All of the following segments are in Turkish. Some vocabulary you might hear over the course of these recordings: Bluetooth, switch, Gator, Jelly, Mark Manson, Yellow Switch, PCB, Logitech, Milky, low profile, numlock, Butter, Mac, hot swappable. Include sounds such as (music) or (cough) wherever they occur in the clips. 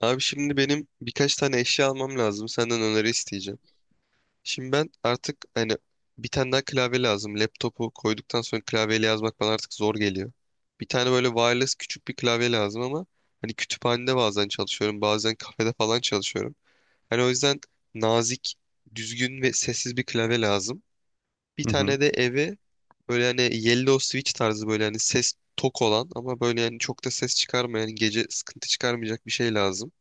Abi şimdi benim birkaç tane eşya almam lazım. Senden öneri isteyeceğim. Şimdi ben artık hani bir tane daha klavye lazım. Laptopu koyduktan sonra klavyeyle yazmak bana artık zor geliyor. Bir tane böyle wireless küçük bir klavye lazım ama hani kütüphanede bazen çalışıyorum, bazen kafede falan çalışıyorum. Hani o yüzden nazik, düzgün ve sessiz bir klavye lazım. Bir Hı hı, tane de eve böyle hani yellow switch tarzı böyle hani ses tok olan ama böyle yani çok da ses çıkarmayan, gece sıkıntı çıkarmayacak bir şey lazım.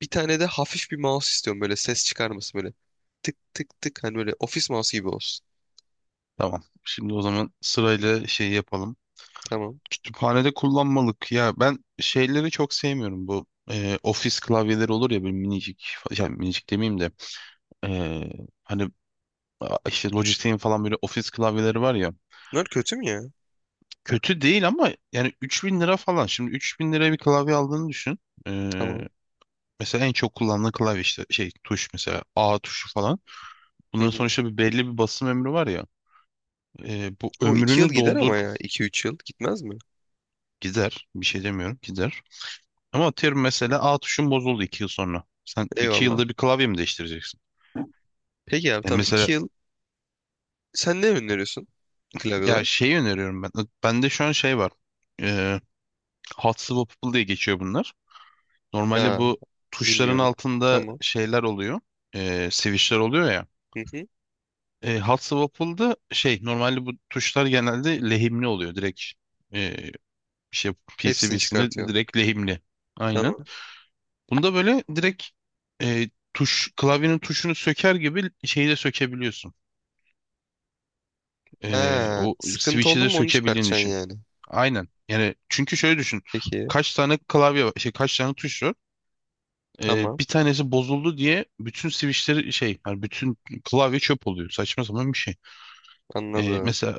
Bir tane de hafif bir mouse istiyorum böyle ses çıkarması böyle. Tık tık tık hani böyle ofis mouse gibi olsun. tamam. Şimdi o zaman sırayla şey yapalım. Tamam. Kütüphanede kullanmalık. Ya ben şeyleri çok sevmiyorum. Bu ofis klavyeleri olur ya böyle minicik. Yani minicik demeyeyim de. e, hani işte Logitech'in falan böyle ofis klavyeleri var ya. Bunlar kötü mü ya? Kötü değil ama yani 3.000 lira falan. Şimdi 3.000 liraya bir klavye aldığını düşün. E, Tamam. mesela en çok kullanılan klavye işte şey tuş mesela A tuşu falan. Hı Bunların hı. sonuçta bir belli bir basım ömrü var ya. Bu Bu iki yıl ömrünü gider doldur ama ya. İki üç yıl gitmez mi? gider. Bir şey demiyorum gider. Ama atıyorum mesela A tuşun bozuldu 2 yıl sonra. Sen 2 Eyvallah. yılda bir klavye mi değiştireceksin? Peki abi tamam Mesela iki yıl. Sen ne öneriyorsun klavye ya olarak? şeyi öneriyorum ben. Bende şu an şey var. E, hot swappable diye geçiyor bunlar. Normalde Ha, bu tuşların bilmiyorum. altında Tamam. şeyler oluyor. Switchler oluyor ya. Hı hı. Hot swappable'da şey normalde bu tuşlar genelde lehimli oluyor. Direkt e, şey Hepsini PCB'sine çıkartıyorsun. direkt lehimli. Aynen. Tamam. Bunda böyle direkt tuş klavyenin tuşunu söker gibi şeyi de sökebiliyorsun. Ha, O sıkıntı switch'i oldu de mu onu sökebildiğini çıkartacaksın düşün. yani. Aynen. Yani çünkü şöyle düşün. Peki. Kaç tane klavye var, şey kaç tane tuş var? Tamam. Bir tanesi bozuldu diye bütün switch'leri şey, yani bütün klavye çöp oluyor. Saçma sapan bir şey. Anladım. Mesela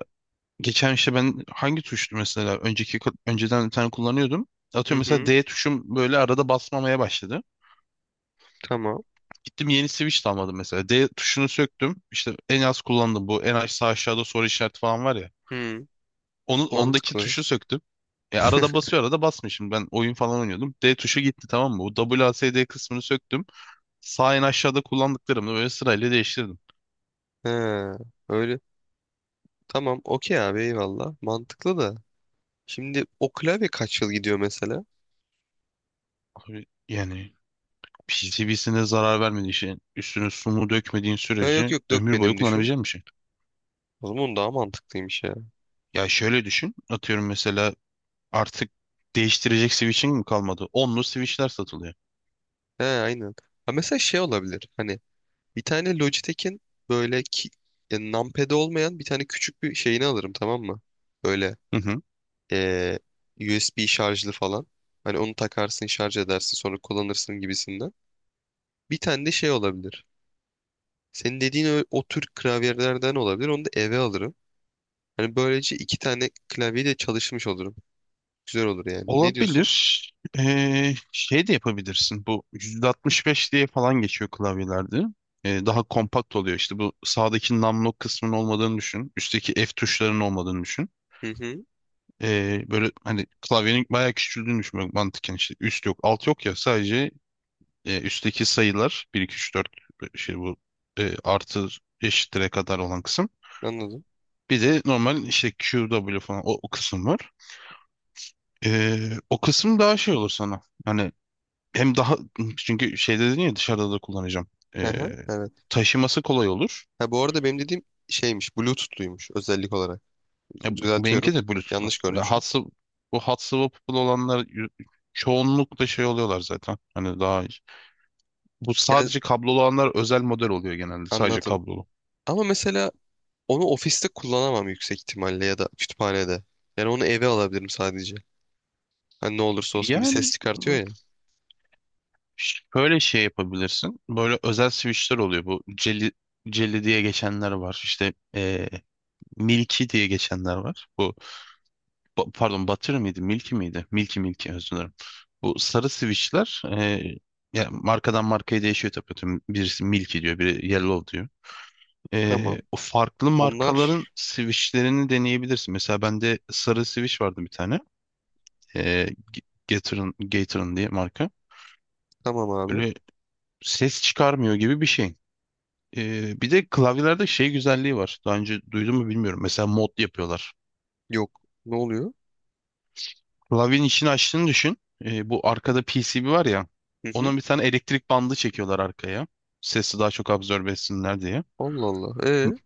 geçen işte ben hangi tuştu mesela önceden bir tane kullanıyordum. Hı Atıyorum mesela hı. D tuşum böyle arada basmamaya başladı. Tamam. Gittim yeni switch de almadım mesela. D tuşunu söktüm. İşte en az kullandım bu. En aşağı aşağıda soru işareti falan var ya. Hı. Onu, ondaki Mantıklı. tuşu söktüm. Arada basıyor arada basmıyor. Şimdi ben oyun falan oynuyordum. D tuşu gitti tamam mı? Bu W, A, S, D kısmını söktüm. Sağ en aşağıda kullandıklarımı böyle sırayla değiştirdim. He. Öyle. Tamam okey abi eyvallah. Mantıklı da. Şimdi o klavye kaç yıl gidiyor mesela? Abi, yani PCB'sine zarar vermediği şey, üstüne su mu dökmediğin Ha, yok sürece yok ömür boyu dökmedim düşün. kullanabileceğin bir şey. O zaman daha mantıklıymış ya. Ya şöyle düşün. Atıyorum mesela artık değiştirecek switch'in mi kalmadı? Onlu switch'ler satılıyor. He aynen. Ha, mesela şey olabilir. Hani bir tane Logitech'in böyle ki, ya, numpad'i olmayan bir tane küçük bir şeyini alırım tamam mı? Böyle Hı hı. eee, USB şarjlı falan. Hani onu takarsın şarj edersin sonra kullanırsın gibisinden. Bir tane de şey olabilir. Senin dediğin o tür klavyelerden olabilir. Onu da eve alırım. Hani böylece iki tane klavye de çalışmış olurum. Güzel olur yani. Ne diyorsun? Olabilir. Şey de yapabilirsin. Bu 165 diye falan geçiyor klavyelerde. Daha kompakt oluyor. İşte bu sağdaki numlock kısmının olmadığını düşün. Üstteki F tuşlarının olmadığını düşün. Hı hı. Böyle hani klavyenin bayağı küçüldüğünü düşün. Böyle mantıken işte üst yok, alt yok ya. Sadece üstteki sayılar bir 2 3 4 şey bu artı eşittire kadar olan kısım. Anladım. Bir de normal işte Q, W falan o kısım var. O kısım daha şey olur sana. Hani hem daha çünkü şeyde dedin ya dışarıda da kullanacağım. Hı Ee, hı. Evet. taşıması kolay olur. Ha bu arada benim dediğim şeymiş. Bluetooth'luymuş özellik olarak. Ya, benimki Düzeltiyorum. de Bluetooth'lu. Yanlış Ya, görmüşüm. Bu hat swappable olanlar çoğunlukla şey oluyorlar zaten. Hani daha bu Ya, sadece kablolu olanlar özel model oluyor genelde. Sadece anladım. kablolu. Ama mesela onu ofiste kullanamam yüksek ihtimalle ya da kütüphanede. Yani onu eve alabilirim sadece. Hani ne olursa olsun bir ses Yani çıkartıyor ya. böyle şey yapabilirsin. Böyle özel switchler oluyor. Bu Jelly diye geçenler var. İşte Milky diye geçenler var. Bu pardon, Butter mıydı? Milky miydi? Milky özür dilerim. Bu sarı switchler ya markadan markaya değişiyor tabii. Birisi Milky diyor, biri Yellow diyor. Tamam. O farklı Onlar markaların switchlerini deneyebilirsin. Mesela bende sarı switch vardı bir tane. E, G- Gator'ın Gator'ın diye marka. tamam abi. Böyle ses çıkarmıyor gibi bir şey. Bir de klavyelerde şey güzelliği var. Daha önce duydun mu bilmiyorum. Mesela mod yapıyorlar. Yok. Ne oluyor? Lavin işini açtığını düşün. Bu arkada PCB var ya. Hı hı. Onun bir tane elektrik bandı çekiyorlar arkaya. Sesi daha çok absorbe etsinler diye. Allah Allah. M- Ee?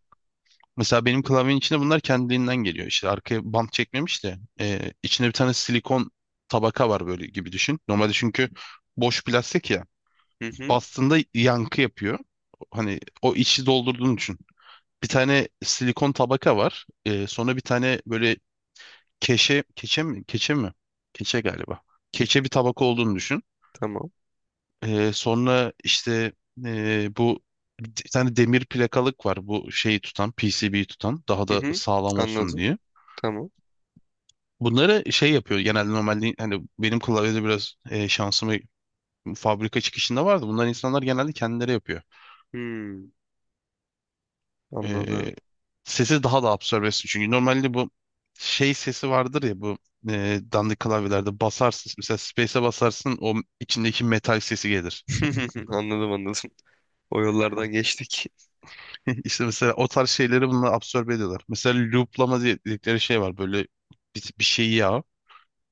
Mesela benim klavyenin içinde bunlar kendiliğinden geliyor. İşte arkaya bant çekmemiş de içinde bir tane silikon tabaka var böyle gibi düşün. Normalde çünkü boş plastik ya. Hı hı. Bastığında yankı yapıyor. Hani o içi doldurduğunu düşün. Bir tane silikon tabaka var. Sonra bir tane böyle keçe mi? Keçe mi? Keçe galiba. Ki- Keçe bir tabaka olduğunu düşün. Tamam. Sonra işte bu bir tane demir plakalık var bu şeyi tutan PCB'yi tutan daha Hı da hı. sağlam olsun Anladım. diye. Tamam. Bunları şey yapıyor genelde normalde hani benim klavyede biraz şansım fabrika çıkışında vardı. Bunlar insanlar genelde kendileri yapıyor. Hmm, anladım. Ee, sesi daha da absorbe etsin. Çünkü normalde bu şey sesi vardır ya bu dandik klavyelerde basarsın mesela space'e basarsın o içindeki metal sesi gelir. (laughs) Anladım anladım. O yollardan geçtik. (laughs) İşte mesela o tarz şeyleri bununla absorbe ediyorlar. Mesela dedikleri şey var. Böyle bir şeyi,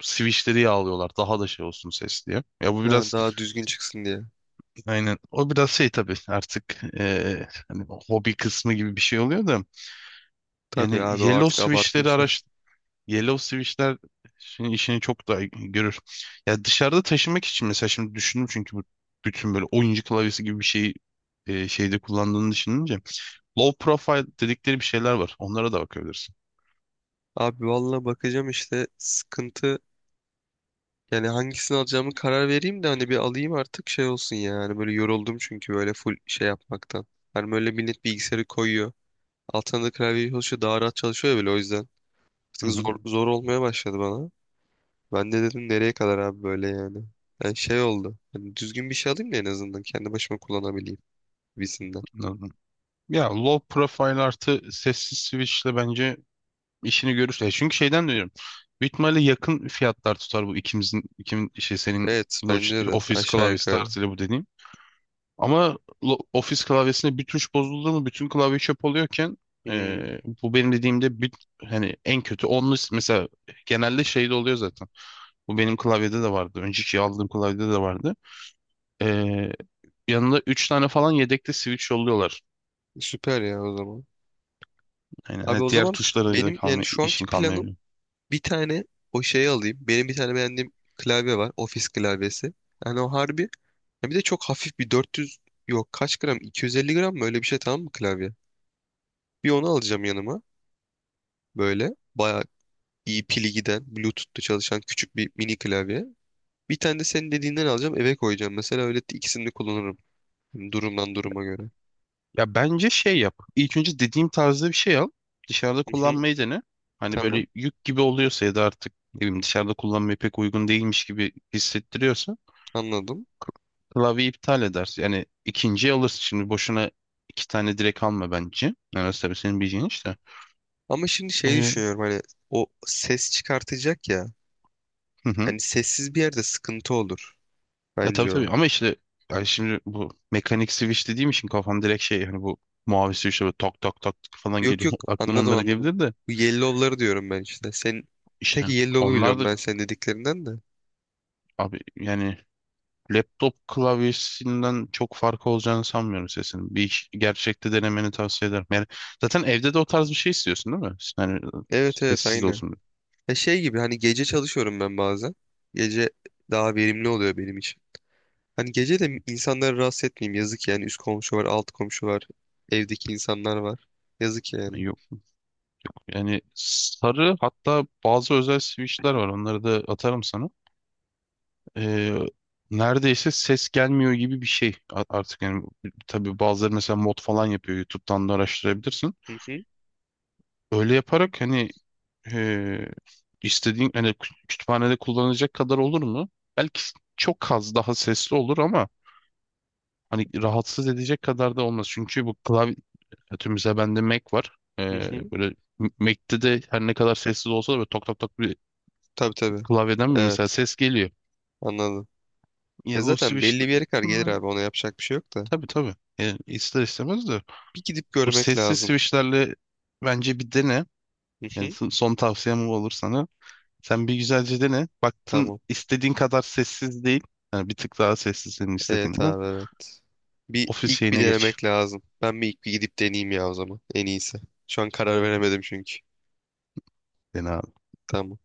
switchleri yağlıyorlar. Daha da şey olsun ses diye. Ya bu Ha, biraz daha düzgün çıksın diye. aynen. O biraz şey tabii artık hani hobi kısmı gibi bir şey oluyor da. Tabii Yani abi o artık switchleri abartmışlar. Yellow Switch'ler işini çok daha görür. Ya dışarıda taşımak için mesela şimdi düşündüm çünkü bu bütün böyle oyuncu klavyesi gibi bir şeyi şeyde kullandığını düşününce low profile dedikleri bir şeyler var. Onlara da bakabilirsin. Abi valla bakacağım işte sıkıntı yani hangisini alacağımı karar vereyim de hani bir alayım artık şey olsun ya. Hani böyle yoruldum çünkü böyle full şey yapmaktan. Hani böyle millet bilgisayarı koyuyor. Altına da klavye çalışıyor daha rahat çalışıyor ya böyle o yüzden. Hı Artık hı, zor, zor olmaya başladı bana. Ben de dedim nereye kadar abi böyle yani. Yani şey oldu. Hani düzgün bir şey alayım da en azından kendi başıma kullanabileyim. Visinden. anladım. Ya low profile artı sessiz switchle bence işini görür. Çünkü şeyden diyorum. Büyük ihtimalle yakın fiyatlar tutar bu ikimin şey senin Evet bence Logitech de Office aşağı klavyesi yukarı. tarzıyla bu dediğim. Ama Office klavyesinde bir tuş bozuldu mu bütün klavye çöp oluyorken Hmm, bu benim dediğimde hani en kötü 10'lu mesela genelde şeyde oluyor zaten. Bu benim klavyede de vardı. Önceki aldığım klavyede de vardı. E, yanında 3 tane falan yedekte switch yolluyorlar. süper ya o zaman. Aynen. Abi Ha, o diğer zaman tuşlara da benim yani şu anki işin planım kalmayabiliyor. bir tane o şeyi alayım. Benim bir tane beğendiğim klavye var. Ofis klavyesi. Yani o harbi. Ya bir de çok hafif bir 400 yok kaç gram 250 gram mı öyle bir şey tamam mı klavye? Bir onu alacağım yanıma. Böyle bayağı iyi pili giden Bluetooth'ta çalışan küçük bir mini klavye. Bir tane de senin dediğinden alacağım eve koyacağım. Mesela öyle ikisini de kullanırım. Yani durumdan duruma göre. Ya bence şey yap. İlk önce dediğim tarzda bir şey al. Dışarıda Hı hı. kullanmayı dene. Hani Tamam böyle yük gibi oluyorsa ya da artık ne bileyim dışarıda kullanmaya pek uygun değilmiş gibi hissettiriyorsa anladım. klavye iptal edersin. Yani ikinciyi alırsın. Şimdi boşuna iki tane direkt alma bence. Yani tabii senin bileceğin işte. Ama şimdi şey Ee, düşünüyorum hani o ses çıkartacak ya. hı hı. Hani sessiz bir yerde sıkıntı olur Tabii bence o. tabii ama işte yani şimdi bu mekanik switch dediğim için kafam direkt şey hani bu mavi switch'e böyle tak tak tak tak falan Yok geliyor. yok (laughs) Aklım anladım onlara anladım. gelebilir de Bu yellow'ları diyorum ben işte. Sen işte tek yellow'u onlar biliyorum da ben senin dediklerinden de. abi yani laptop klavyesinden çok farkı olacağını sanmıyorum sesinin. Gerçekte denemeni tavsiye ederim. Yani zaten evde de o tarz bir şey istiyorsun değil mi? Yani Evet evet sessiz de aynı. olsun. E şey gibi hani gece çalışıyorum ben bazen. Gece daha verimli oluyor benim için. Hani gece de insanları rahatsız etmeyeyim yazık yani. Üst komşu var, alt komşu var. Evdeki insanlar var. Yazık yani. Yani sarı hatta bazı özel switch'ler var. Onları da atarım sana. Ee, neredeyse ses gelmiyor gibi bir şey artık yani tabii bazıları mesela mod falan yapıyor. YouTube'dan da araştırabilirsin. Hı hı Öyle yaparak hani e, istediğin hani kütüphanede kullanacak kadar olur mu? Belki çok az daha sesli olur ama hani rahatsız edecek kadar da olmaz. Çünkü bu klavye atıyorum mesela bende Mac var. hı hı. Böyle Mac'te de her ne kadar sessiz olsa da böyle tok tok tok bir Tabii tabii. klavyeden mi mesela Evet ses geliyor. anladım. E Ya bu zaten switch belli bir yere kadar gelir bunlar abi ona yapacak bir şey yok da. tabii tabii. Yani ister istemez de Bir gidip bu görmek sessiz lazım. switchlerle bence bir dene. Hı Yani hı. son son tavsiyem bu olur sana. Sen bir güzelce dene. Baktın Tamam. istediğin kadar sessiz değil. Yani bir tık daha sessiz senin Evet istediğinden. abi evet. Bir Ofis ilk bir şeyine geç. denemek lazım. Ben bir ilk bir gidip deneyeyim ya o zaman. En iyisi. Şu an karar veremedim çünkü. Dene Tamam.